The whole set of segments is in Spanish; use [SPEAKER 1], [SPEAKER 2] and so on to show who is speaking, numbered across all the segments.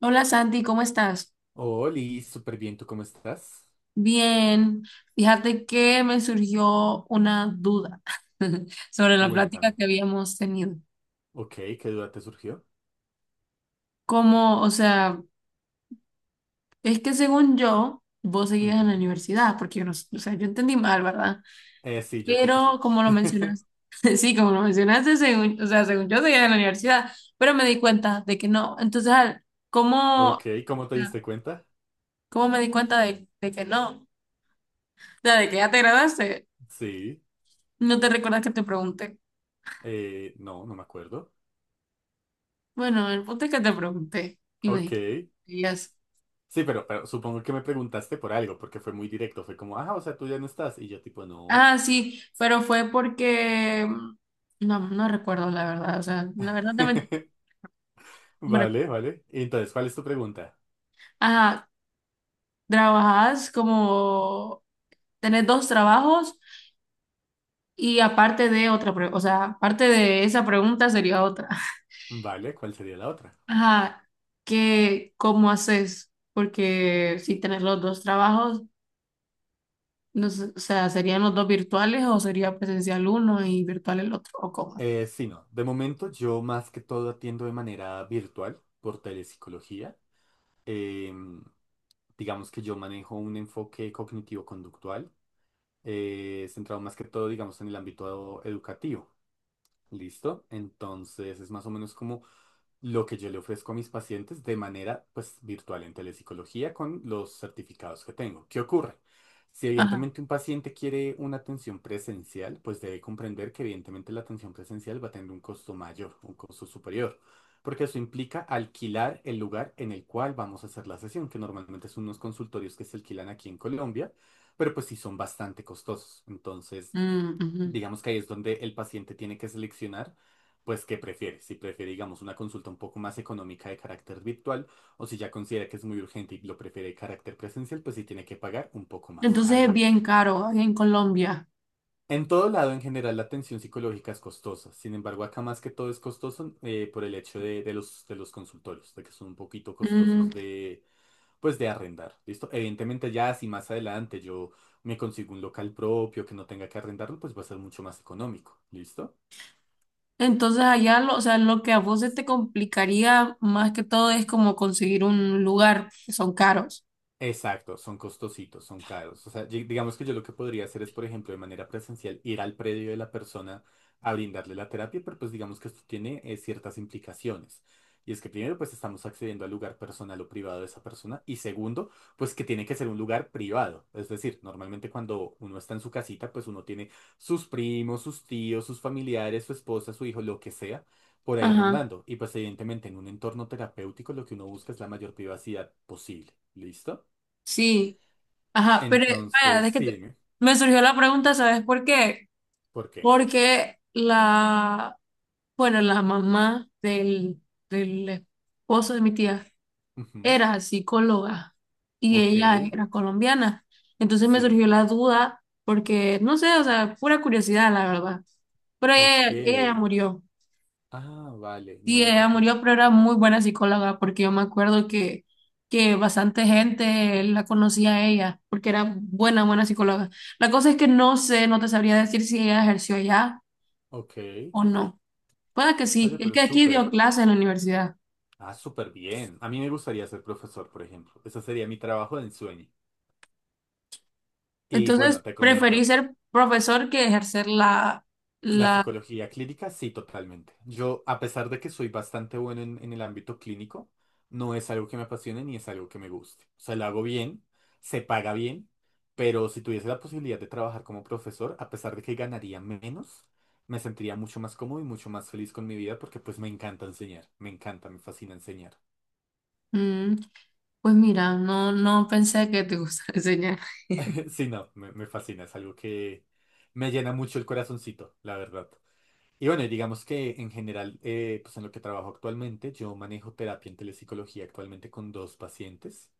[SPEAKER 1] Hola Santi, ¿cómo estás?
[SPEAKER 2] Oli, súper bien, ¿tú cómo estás?
[SPEAKER 1] Bien, fíjate que me surgió una duda sobre la plática
[SPEAKER 2] Cuéntame.
[SPEAKER 1] que habíamos tenido.
[SPEAKER 2] Ok, ¿qué duda te surgió?
[SPEAKER 1] Como, o sea, es que según yo, vos seguías en la
[SPEAKER 2] Ujú.
[SPEAKER 1] universidad, porque yo no, o sea, yo entendí mal, ¿verdad?
[SPEAKER 2] Sí, yo creo que
[SPEAKER 1] Pero
[SPEAKER 2] sí.
[SPEAKER 1] como lo mencionaste, sí, como lo mencionaste, según, o sea, según yo seguía en la universidad, pero me di cuenta de que no. Entonces,
[SPEAKER 2] Ok,
[SPEAKER 1] ¿cómo,
[SPEAKER 2] ¿cómo te diste cuenta?
[SPEAKER 1] cómo me di cuenta de que no? O sea, de que ya te graduaste,
[SPEAKER 2] Sí.
[SPEAKER 1] ¿no te recuerdas que te pregunté?
[SPEAKER 2] No, no me acuerdo.
[SPEAKER 1] Bueno, el punto es que te pregunté y
[SPEAKER 2] Ok.
[SPEAKER 1] me dijiste,
[SPEAKER 2] Sí, pero supongo que me preguntaste por algo, porque fue muy directo. Fue como, ah, o sea, tú ya no estás. Y yo tipo, no.
[SPEAKER 1] ah, sí, pero fue porque, no, no recuerdo la verdad, o sea, la verdad te mentí. Hombre,
[SPEAKER 2] Vale, vale. Y entonces, ¿cuál es tu pregunta?
[SPEAKER 1] ajá, trabajas como, tenés dos trabajos y aparte de otra, o sea, aparte de esa pregunta sería otra.
[SPEAKER 2] Vale, ¿cuál sería la otra?
[SPEAKER 1] Ajá, que, ¿cómo haces? Porque si tenés los dos trabajos, no sé, o sea, ¿serían los dos virtuales o sería presencial uno y virtual el otro? ¿O cómo?
[SPEAKER 2] Sí, no. De momento yo más que todo atiendo de manera virtual por telepsicología. Em, Digamos que yo manejo un enfoque cognitivo-conductual, centrado más que todo, digamos, en el ámbito educativo. ¿Listo? Entonces es más o menos como lo que yo le ofrezco a mis pacientes de manera pues virtual en telepsicología con los certificados que tengo. ¿Qué ocurre? Si
[SPEAKER 1] Ajá.
[SPEAKER 2] evidentemente un paciente quiere una atención presencial, pues debe comprender que evidentemente la atención presencial va a tener un costo mayor, un costo superior, porque eso implica alquilar el lugar en el cual vamos a hacer la sesión, que normalmente son unos consultorios que se alquilan aquí en Colombia, pero pues sí son bastante costosos. Entonces,
[SPEAKER 1] Mm, ujú.
[SPEAKER 2] digamos que ahí es donde el paciente tiene que seleccionar, pues, qué prefiere. Si prefiere, digamos, una consulta un poco más económica de carácter virtual, o si ya considera que es muy urgente y lo prefiere de carácter presencial, pues sí tiene que pagar un poco más,
[SPEAKER 1] Entonces es
[SPEAKER 2] algo
[SPEAKER 1] bien
[SPEAKER 2] extra.
[SPEAKER 1] caro aquí en Colombia.
[SPEAKER 2] En todo lado, en general, la atención psicológica es costosa. Sin embargo, acá más que todo es costoso por el hecho de los consultorios, de que son un poquito
[SPEAKER 1] Mm,
[SPEAKER 2] costosos de, pues, de arrendar. ¿Listo? Evidentemente, ya si más adelante yo me consigo un local propio que no tenga que arrendarlo, pues va a ser mucho más económico. ¿Listo?
[SPEAKER 1] entonces allá lo, o sea, lo que a vos se te complicaría más que todo es como conseguir un lugar, que son caros.
[SPEAKER 2] Exacto, son costositos, son caros. O sea, digamos que yo lo que podría hacer es, por ejemplo, de manera presencial, ir al predio de la persona a brindarle la terapia, pero pues digamos que esto tiene ciertas implicaciones. Y es que primero, pues estamos accediendo al lugar personal o privado de esa persona. Y segundo, pues que tiene que ser un lugar privado. Es decir, normalmente cuando uno está en su casita, pues uno tiene sus primos, sus tíos, sus familiares, su esposa, su hijo, lo que sea, por ahí
[SPEAKER 1] Ajá,
[SPEAKER 2] rondando. Y pues evidentemente en un entorno terapéutico lo que uno busca es la mayor privacidad posible. ¿Listo?
[SPEAKER 1] sí, ajá, pero vaya,
[SPEAKER 2] Entonces,
[SPEAKER 1] es que
[SPEAKER 2] sí, dime,
[SPEAKER 1] me surgió la pregunta, ¿sabes por qué?
[SPEAKER 2] ¿por qué?
[SPEAKER 1] Porque bueno, la mamá del esposo de mi tía
[SPEAKER 2] Ujú,
[SPEAKER 1] era psicóloga y
[SPEAKER 2] ok,
[SPEAKER 1] ella era colombiana. Entonces me surgió
[SPEAKER 2] sí,
[SPEAKER 1] la duda porque, no sé, o sea, pura curiosidad, la verdad. Pero ella ya
[SPEAKER 2] ok.
[SPEAKER 1] murió.
[SPEAKER 2] Ah, vale,
[SPEAKER 1] Sí,
[SPEAKER 2] no, qué
[SPEAKER 1] ella
[SPEAKER 2] pena.
[SPEAKER 1] murió, pero era muy buena psicóloga porque yo me acuerdo que, bastante gente la conocía a ella porque era buena, buena psicóloga. La cosa es que no sé, no te sabría decir si ella ejerció allá
[SPEAKER 2] Ok,
[SPEAKER 1] o no. Puede que sí,
[SPEAKER 2] oye,
[SPEAKER 1] es
[SPEAKER 2] pero
[SPEAKER 1] que aquí
[SPEAKER 2] súper,
[SPEAKER 1] dio clases en la universidad.
[SPEAKER 2] ah, súper bien. A mí me gustaría ser profesor, por ejemplo. Ese sería mi trabajo de ensueño. Y bueno,
[SPEAKER 1] Entonces
[SPEAKER 2] te
[SPEAKER 1] preferí
[SPEAKER 2] comento.
[SPEAKER 1] ser profesor que ejercer la,
[SPEAKER 2] La
[SPEAKER 1] la
[SPEAKER 2] psicología clínica, sí, totalmente. Yo, a pesar de que soy bastante bueno en el ámbito clínico, no es algo que me apasione ni es algo que me guste. O sea, lo hago bien, se paga bien, pero si tuviese la posibilidad de trabajar como profesor, a pesar de que ganaría menos, me sentiría mucho más cómodo y mucho más feliz con mi vida porque pues me encanta enseñar, me encanta, me fascina enseñar.
[SPEAKER 1] Mm, pues mira, no, no pensé que te gustara enseñar.
[SPEAKER 2] Sí, no, me fascina, es algo que me llena mucho el corazoncito, la verdad. Y bueno, y digamos que en general, pues en lo que trabajo actualmente, yo manejo terapia en telepsicología actualmente con dos pacientes.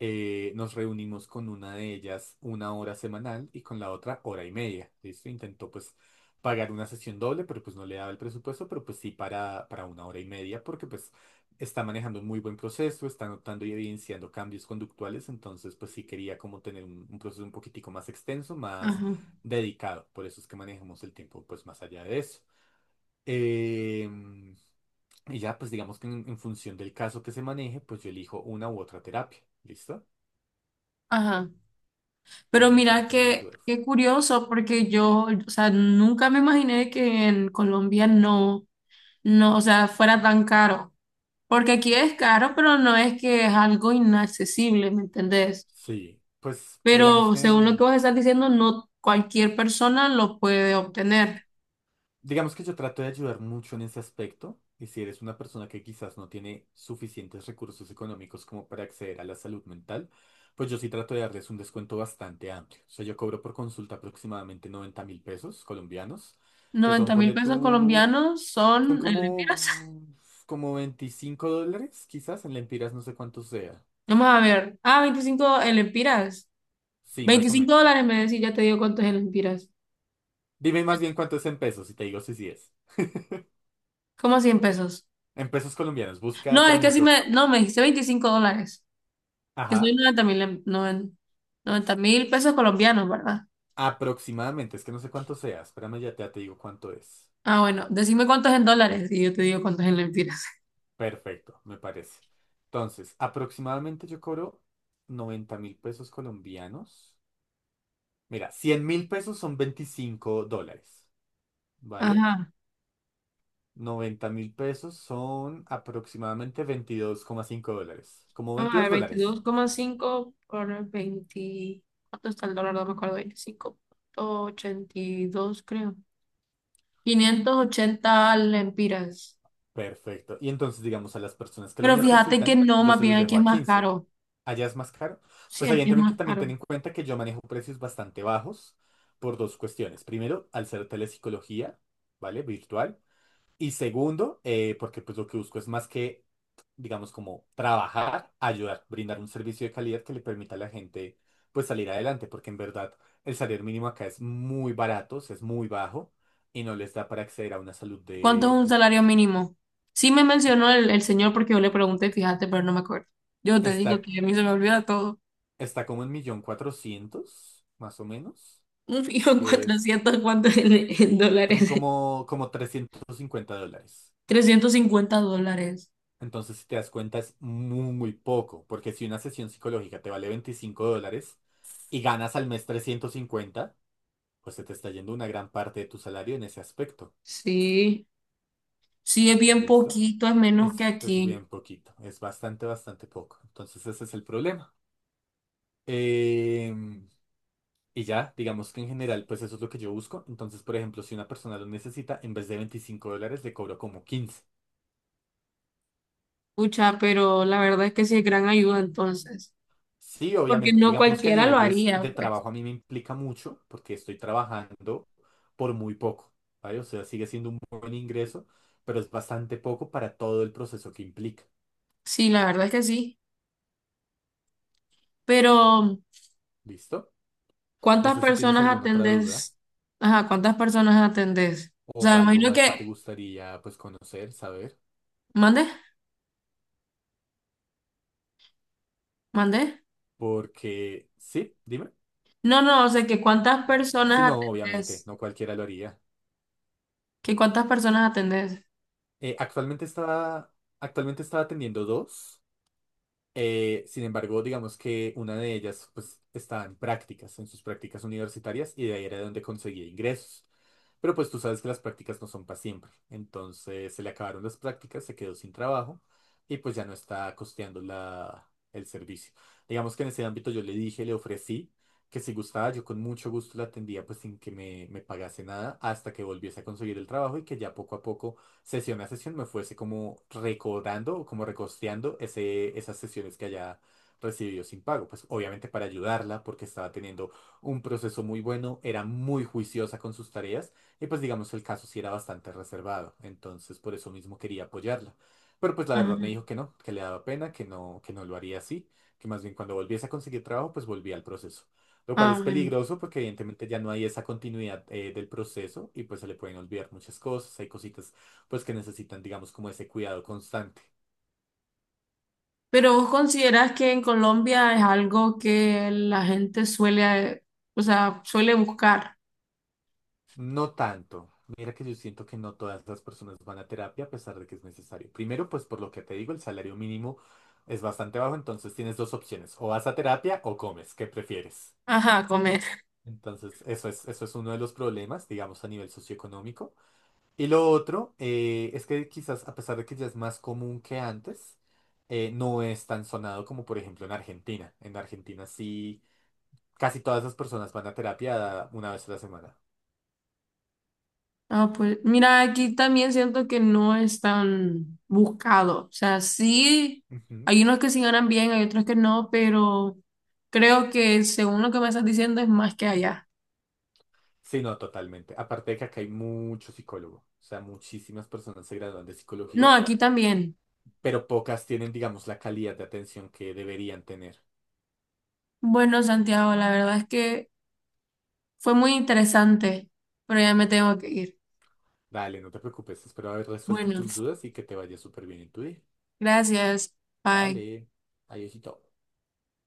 [SPEAKER 2] Nos reunimos con una de ellas una hora semanal y con la otra hora y media. ¿Listo? Intentó pues pagar una sesión doble, pero pues no le daba el presupuesto, pero pues sí para una hora y media, porque pues está manejando un muy buen proceso, está notando y evidenciando cambios conductuales, entonces pues sí quería como tener un proceso un poquitico más extenso, más
[SPEAKER 1] Ajá.
[SPEAKER 2] dedicado. Por eso es que manejamos el tiempo pues más allá de eso. Eh, y ya, pues digamos que en función del caso que se maneje, pues yo elijo una u otra terapia. ¿Listo?
[SPEAKER 1] Ajá. Pero
[SPEAKER 2] No sé si
[SPEAKER 1] mira
[SPEAKER 2] tienes más
[SPEAKER 1] que
[SPEAKER 2] dudas.
[SPEAKER 1] qué curioso, porque yo, o sea, nunca me imaginé que en Colombia no, no, o sea, fuera tan caro. Porque aquí es caro, pero no es que es algo inaccesible, ¿me entendés?
[SPEAKER 2] Sí, pues digamos
[SPEAKER 1] Pero
[SPEAKER 2] que,
[SPEAKER 1] según lo que
[SPEAKER 2] mm,
[SPEAKER 1] vos estás diciendo, no cualquier persona lo puede obtener.
[SPEAKER 2] digamos que yo trato de ayudar mucho en ese aspecto. Y si eres una persona que quizás no tiene suficientes recursos económicos como para acceder a la salud mental, pues yo sí trato de darles un descuento bastante amplio. O sea, yo cobro por consulta aproximadamente 90.000 pesos colombianos, que son,
[SPEAKER 1] noventa mil
[SPEAKER 2] ponle
[SPEAKER 1] pesos
[SPEAKER 2] tú,
[SPEAKER 1] colombianos
[SPEAKER 2] son
[SPEAKER 1] ¿son en lempiras?
[SPEAKER 2] como $25, quizás, en lempiras no sé cuánto sea.
[SPEAKER 1] Vamos a ver. Ah, ¿25 en lempiras?
[SPEAKER 2] Sí, más o
[SPEAKER 1] 25
[SPEAKER 2] menos.
[SPEAKER 1] dólares me decís, ya te digo cuánto es en lempiras.
[SPEAKER 2] Dime más bien cuánto es en pesos y te digo si sí es.
[SPEAKER 1] ¿Cómo 100 pesos?
[SPEAKER 2] En pesos colombianos, busca,
[SPEAKER 1] No,
[SPEAKER 2] por
[SPEAKER 1] es que si
[SPEAKER 2] ejemplo,
[SPEAKER 1] me, no, me dijiste $25, que soy
[SPEAKER 2] ajá,
[SPEAKER 1] 90 mil pesos colombianos, ¿verdad?
[SPEAKER 2] aproximadamente, es que no sé cuánto sea, espérame, ya te digo cuánto es.
[SPEAKER 1] Ah, bueno, decime cuánto es en dólares y yo te digo cuánto es en lempiras.
[SPEAKER 2] Perfecto, me parece. Entonces, aproximadamente yo cobro 90.000 pesos colombianos. Mira, 100.000 pesos son $25, ¿vale?
[SPEAKER 1] Ajá,
[SPEAKER 2] 90.000 pesos son aproximadamente $22,5. Como
[SPEAKER 1] vamos a ver,
[SPEAKER 2] $22.
[SPEAKER 1] 22,5 por 20, ¿cuánto está el dólar? No me acuerdo, 25.82 creo. 580 lempiras.
[SPEAKER 2] Perfecto. Y entonces, digamos, a las personas que lo
[SPEAKER 1] Pero fíjate que
[SPEAKER 2] necesitan,
[SPEAKER 1] no,
[SPEAKER 2] yo
[SPEAKER 1] más
[SPEAKER 2] se
[SPEAKER 1] bien
[SPEAKER 2] los
[SPEAKER 1] aquí
[SPEAKER 2] dejo
[SPEAKER 1] es
[SPEAKER 2] a
[SPEAKER 1] más
[SPEAKER 2] 15.
[SPEAKER 1] caro.
[SPEAKER 2] ¿Allá es más caro?
[SPEAKER 1] Sí,
[SPEAKER 2] Pues
[SPEAKER 1] aquí es
[SPEAKER 2] evidentemente
[SPEAKER 1] más
[SPEAKER 2] también ten
[SPEAKER 1] caro.
[SPEAKER 2] en cuenta que yo manejo precios bastante bajos por dos cuestiones. Primero, al ser telepsicología, ¿vale? Virtual. Y segundo, porque pues lo que busco es más que, digamos, como trabajar, ayudar, brindar un servicio de calidad que le permita a la gente pues salir adelante, porque en verdad el salario mínimo acá es muy barato, o sea, es muy bajo y no les da para acceder a una salud
[SPEAKER 1] ¿Cuánto es
[SPEAKER 2] de...
[SPEAKER 1] un salario mínimo? Sí me mencionó el señor porque yo le pregunté, fíjate, pero no me acuerdo. Yo te digo
[SPEAKER 2] Está,
[SPEAKER 1] que a mí se me olvida todo.
[SPEAKER 2] está como en millón cuatrocientos, más o menos,
[SPEAKER 1] Un fijo en
[SPEAKER 2] que es,
[SPEAKER 1] 400, ¿cuánto en
[SPEAKER 2] son
[SPEAKER 1] dólares?
[SPEAKER 2] como $350.
[SPEAKER 1] $350.
[SPEAKER 2] Entonces, si te das cuenta, es muy, muy poco, porque si una sesión psicológica te vale $25 y ganas al mes 350 pues se te está yendo una gran parte de tu salario en ese aspecto.
[SPEAKER 1] Sí, sí es bien
[SPEAKER 2] ¿Listo?
[SPEAKER 1] poquito, es menos que
[SPEAKER 2] Es
[SPEAKER 1] aquí.
[SPEAKER 2] bien poquito, es bastante, bastante poco. Entonces, ese es el problema. Em, y ya, digamos que en general, pues eso es lo que yo busco. Entonces, por ejemplo, si una persona lo necesita, en vez de $25, le cobro como 15.
[SPEAKER 1] Pucha, pero la verdad es que sí es gran ayuda entonces.
[SPEAKER 2] Sí,
[SPEAKER 1] Porque
[SPEAKER 2] obviamente.
[SPEAKER 1] no
[SPEAKER 2] Digamos que a
[SPEAKER 1] cualquiera lo
[SPEAKER 2] niveles
[SPEAKER 1] haría,
[SPEAKER 2] de
[SPEAKER 1] pues.
[SPEAKER 2] trabajo a mí me implica mucho porque estoy trabajando por muy poco, ¿vale? O sea, sigue siendo un buen ingreso, pero es bastante poco para todo el proceso que implica.
[SPEAKER 1] Sí, la verdad es que sí. Pero,
[SPEAKER 2] ¿Listo? No
[SPEAKER 1] ¿cuántas
[SPEAKER 2] sé si tienes
[SPEAKER 1] personas
[SPEAKER 2] alguna otra duda
[SPEAKER 1] atendés? Ajá, ¿cuántas personas atendés? O
[SPEAKER 2] o
[SPEAKER 1] sea, me
[SPEAKER 2] algo
[SPEAKER 1] imagino
[SPEAKER 2] más que
[SPEAKER 1] que.
[SPEAKER 2] te gustaría pues conocer, saber,
[SPEAKER 1] ¿Mande? ¿Mandé?
[SPEAKER 2] porque sí, dime.
[SPEAKER 1] No, no, o sea, que cuántas
[SPEAKER 2] Si
[SPEAKER 1] personas
[SPEAKER 2] no, obviamente,
[SPEAKER 1] atendés.
[SPEAKER 2] no cualquiera lo haría.
[SPEAKER 1] Que cuántas personas atendés.
[SPEAKER 2] Eh, actualmente estaba, actualmente estaba atendiendo dos. Sin embargo, digamos que una de ellas pues estaba en prácticas, en sus prácticas universitarias y de ahí era donde conseguía ingresos. Pero pues tú sabes que las prácticas no son para siempre. Entonces se le acabaron las prácticas, se quedó sin trabajo y pues ya no está costeando el servicio. Digamos que en ese ámbito yo le dije, le ofrecí que si gustaba yo con mucho gusto la atendía pues sin que me pagase nada hasta que volviese a conseguir el trabajo y que ya poco a poco sesión a sesión me fuese como recordando o como recosteando esas sesiones que haya recibido sin pago. Pues obviamente para ayudarla porque estaba teniendo un proceso muy bueno, era muy juiciosa con sus tareas y pues digamos el caso sí era bastante reservado. Entonces por eso mismo quería apoyarla. Pero pues la verdad me
[SPEAKER 1] Ajá.
[SPEAKER 2] dijo que no, que le daba pena, que no lo haría así, que más bien cuando volviese a conseguir trabajo pues volvía al proceso. Lo cual
[SPEAKER 1] Ah,
[SPEAKER 2] es
[SPEAKER 1] bueno.
[SPEAKER 2] peligroso porque evidentemente ya no hay esa continuidad del proceso y pues se le pueden olvidar muchas cosas, hay cositas pues que necesitan, digamos, como ese cuidado constante.
[SPEAKER 1] Pero vos considerás que en Colombia es algo que la gente suele, o sea, suele buscar.
[SPEAKER 2] No tanto. Mira que yo siento que no todas las personas van a terapia a pesar de que es necesario. Primero, pues por lo que te digo, el salario mínimo es bastante bajo, entonces tienes dos opciones, o vas a terapia o comes, ¿qué prefieres?
[SPEAKER 1] Ajá, comer.
[SPEAKER 2] Entonces, eso es uno de los problemas, digamos, a nivel socioeconómico. Y lo otro es que quizás, a pesar de que ya es más común que antes, no es tan sonado como, por ejemplo, en Argentina. En Argentina sí casi todas esas personas van a terapia una vez a la semana.
[SPEAKER 1] Ah, pues mira, aquí también siento que no es tan buscado. O sea, sí,
[SPEAKER 2] Ujú.
[SPEAKER 1] hay unos que sí ganan bien, hay otros que no, pero creo que según lo que me estás diciendo es más que allá.
[SPEAKER 2] Sí, no, totalmente. Aparte de que acá hay mucho psicólogo, o sea, muchísimas personas se gradúan de
[SPEAKER 1] No,
[SPEAKER 2] psicología,
[SPEAKER 1] aquí también.
[SPEAKER 2] pero pocas tienen, digamos, la calidad de atención que deberían tener.
[SPEAKER 1] Bueno, Santiago, la verdad es que fue muy interesante, pero ya me tengo que ir.
[SPEAKER 2] Dale, no te preocupes, espero haber resuelto
[SPEAKER 1] Bueno,
[SPEAKER 2] tus dudas y que te vaya súper bien en tu día.
[SPEAKER 1] gracias. Bye.
[SPEAKER 2] Vale, adiósito.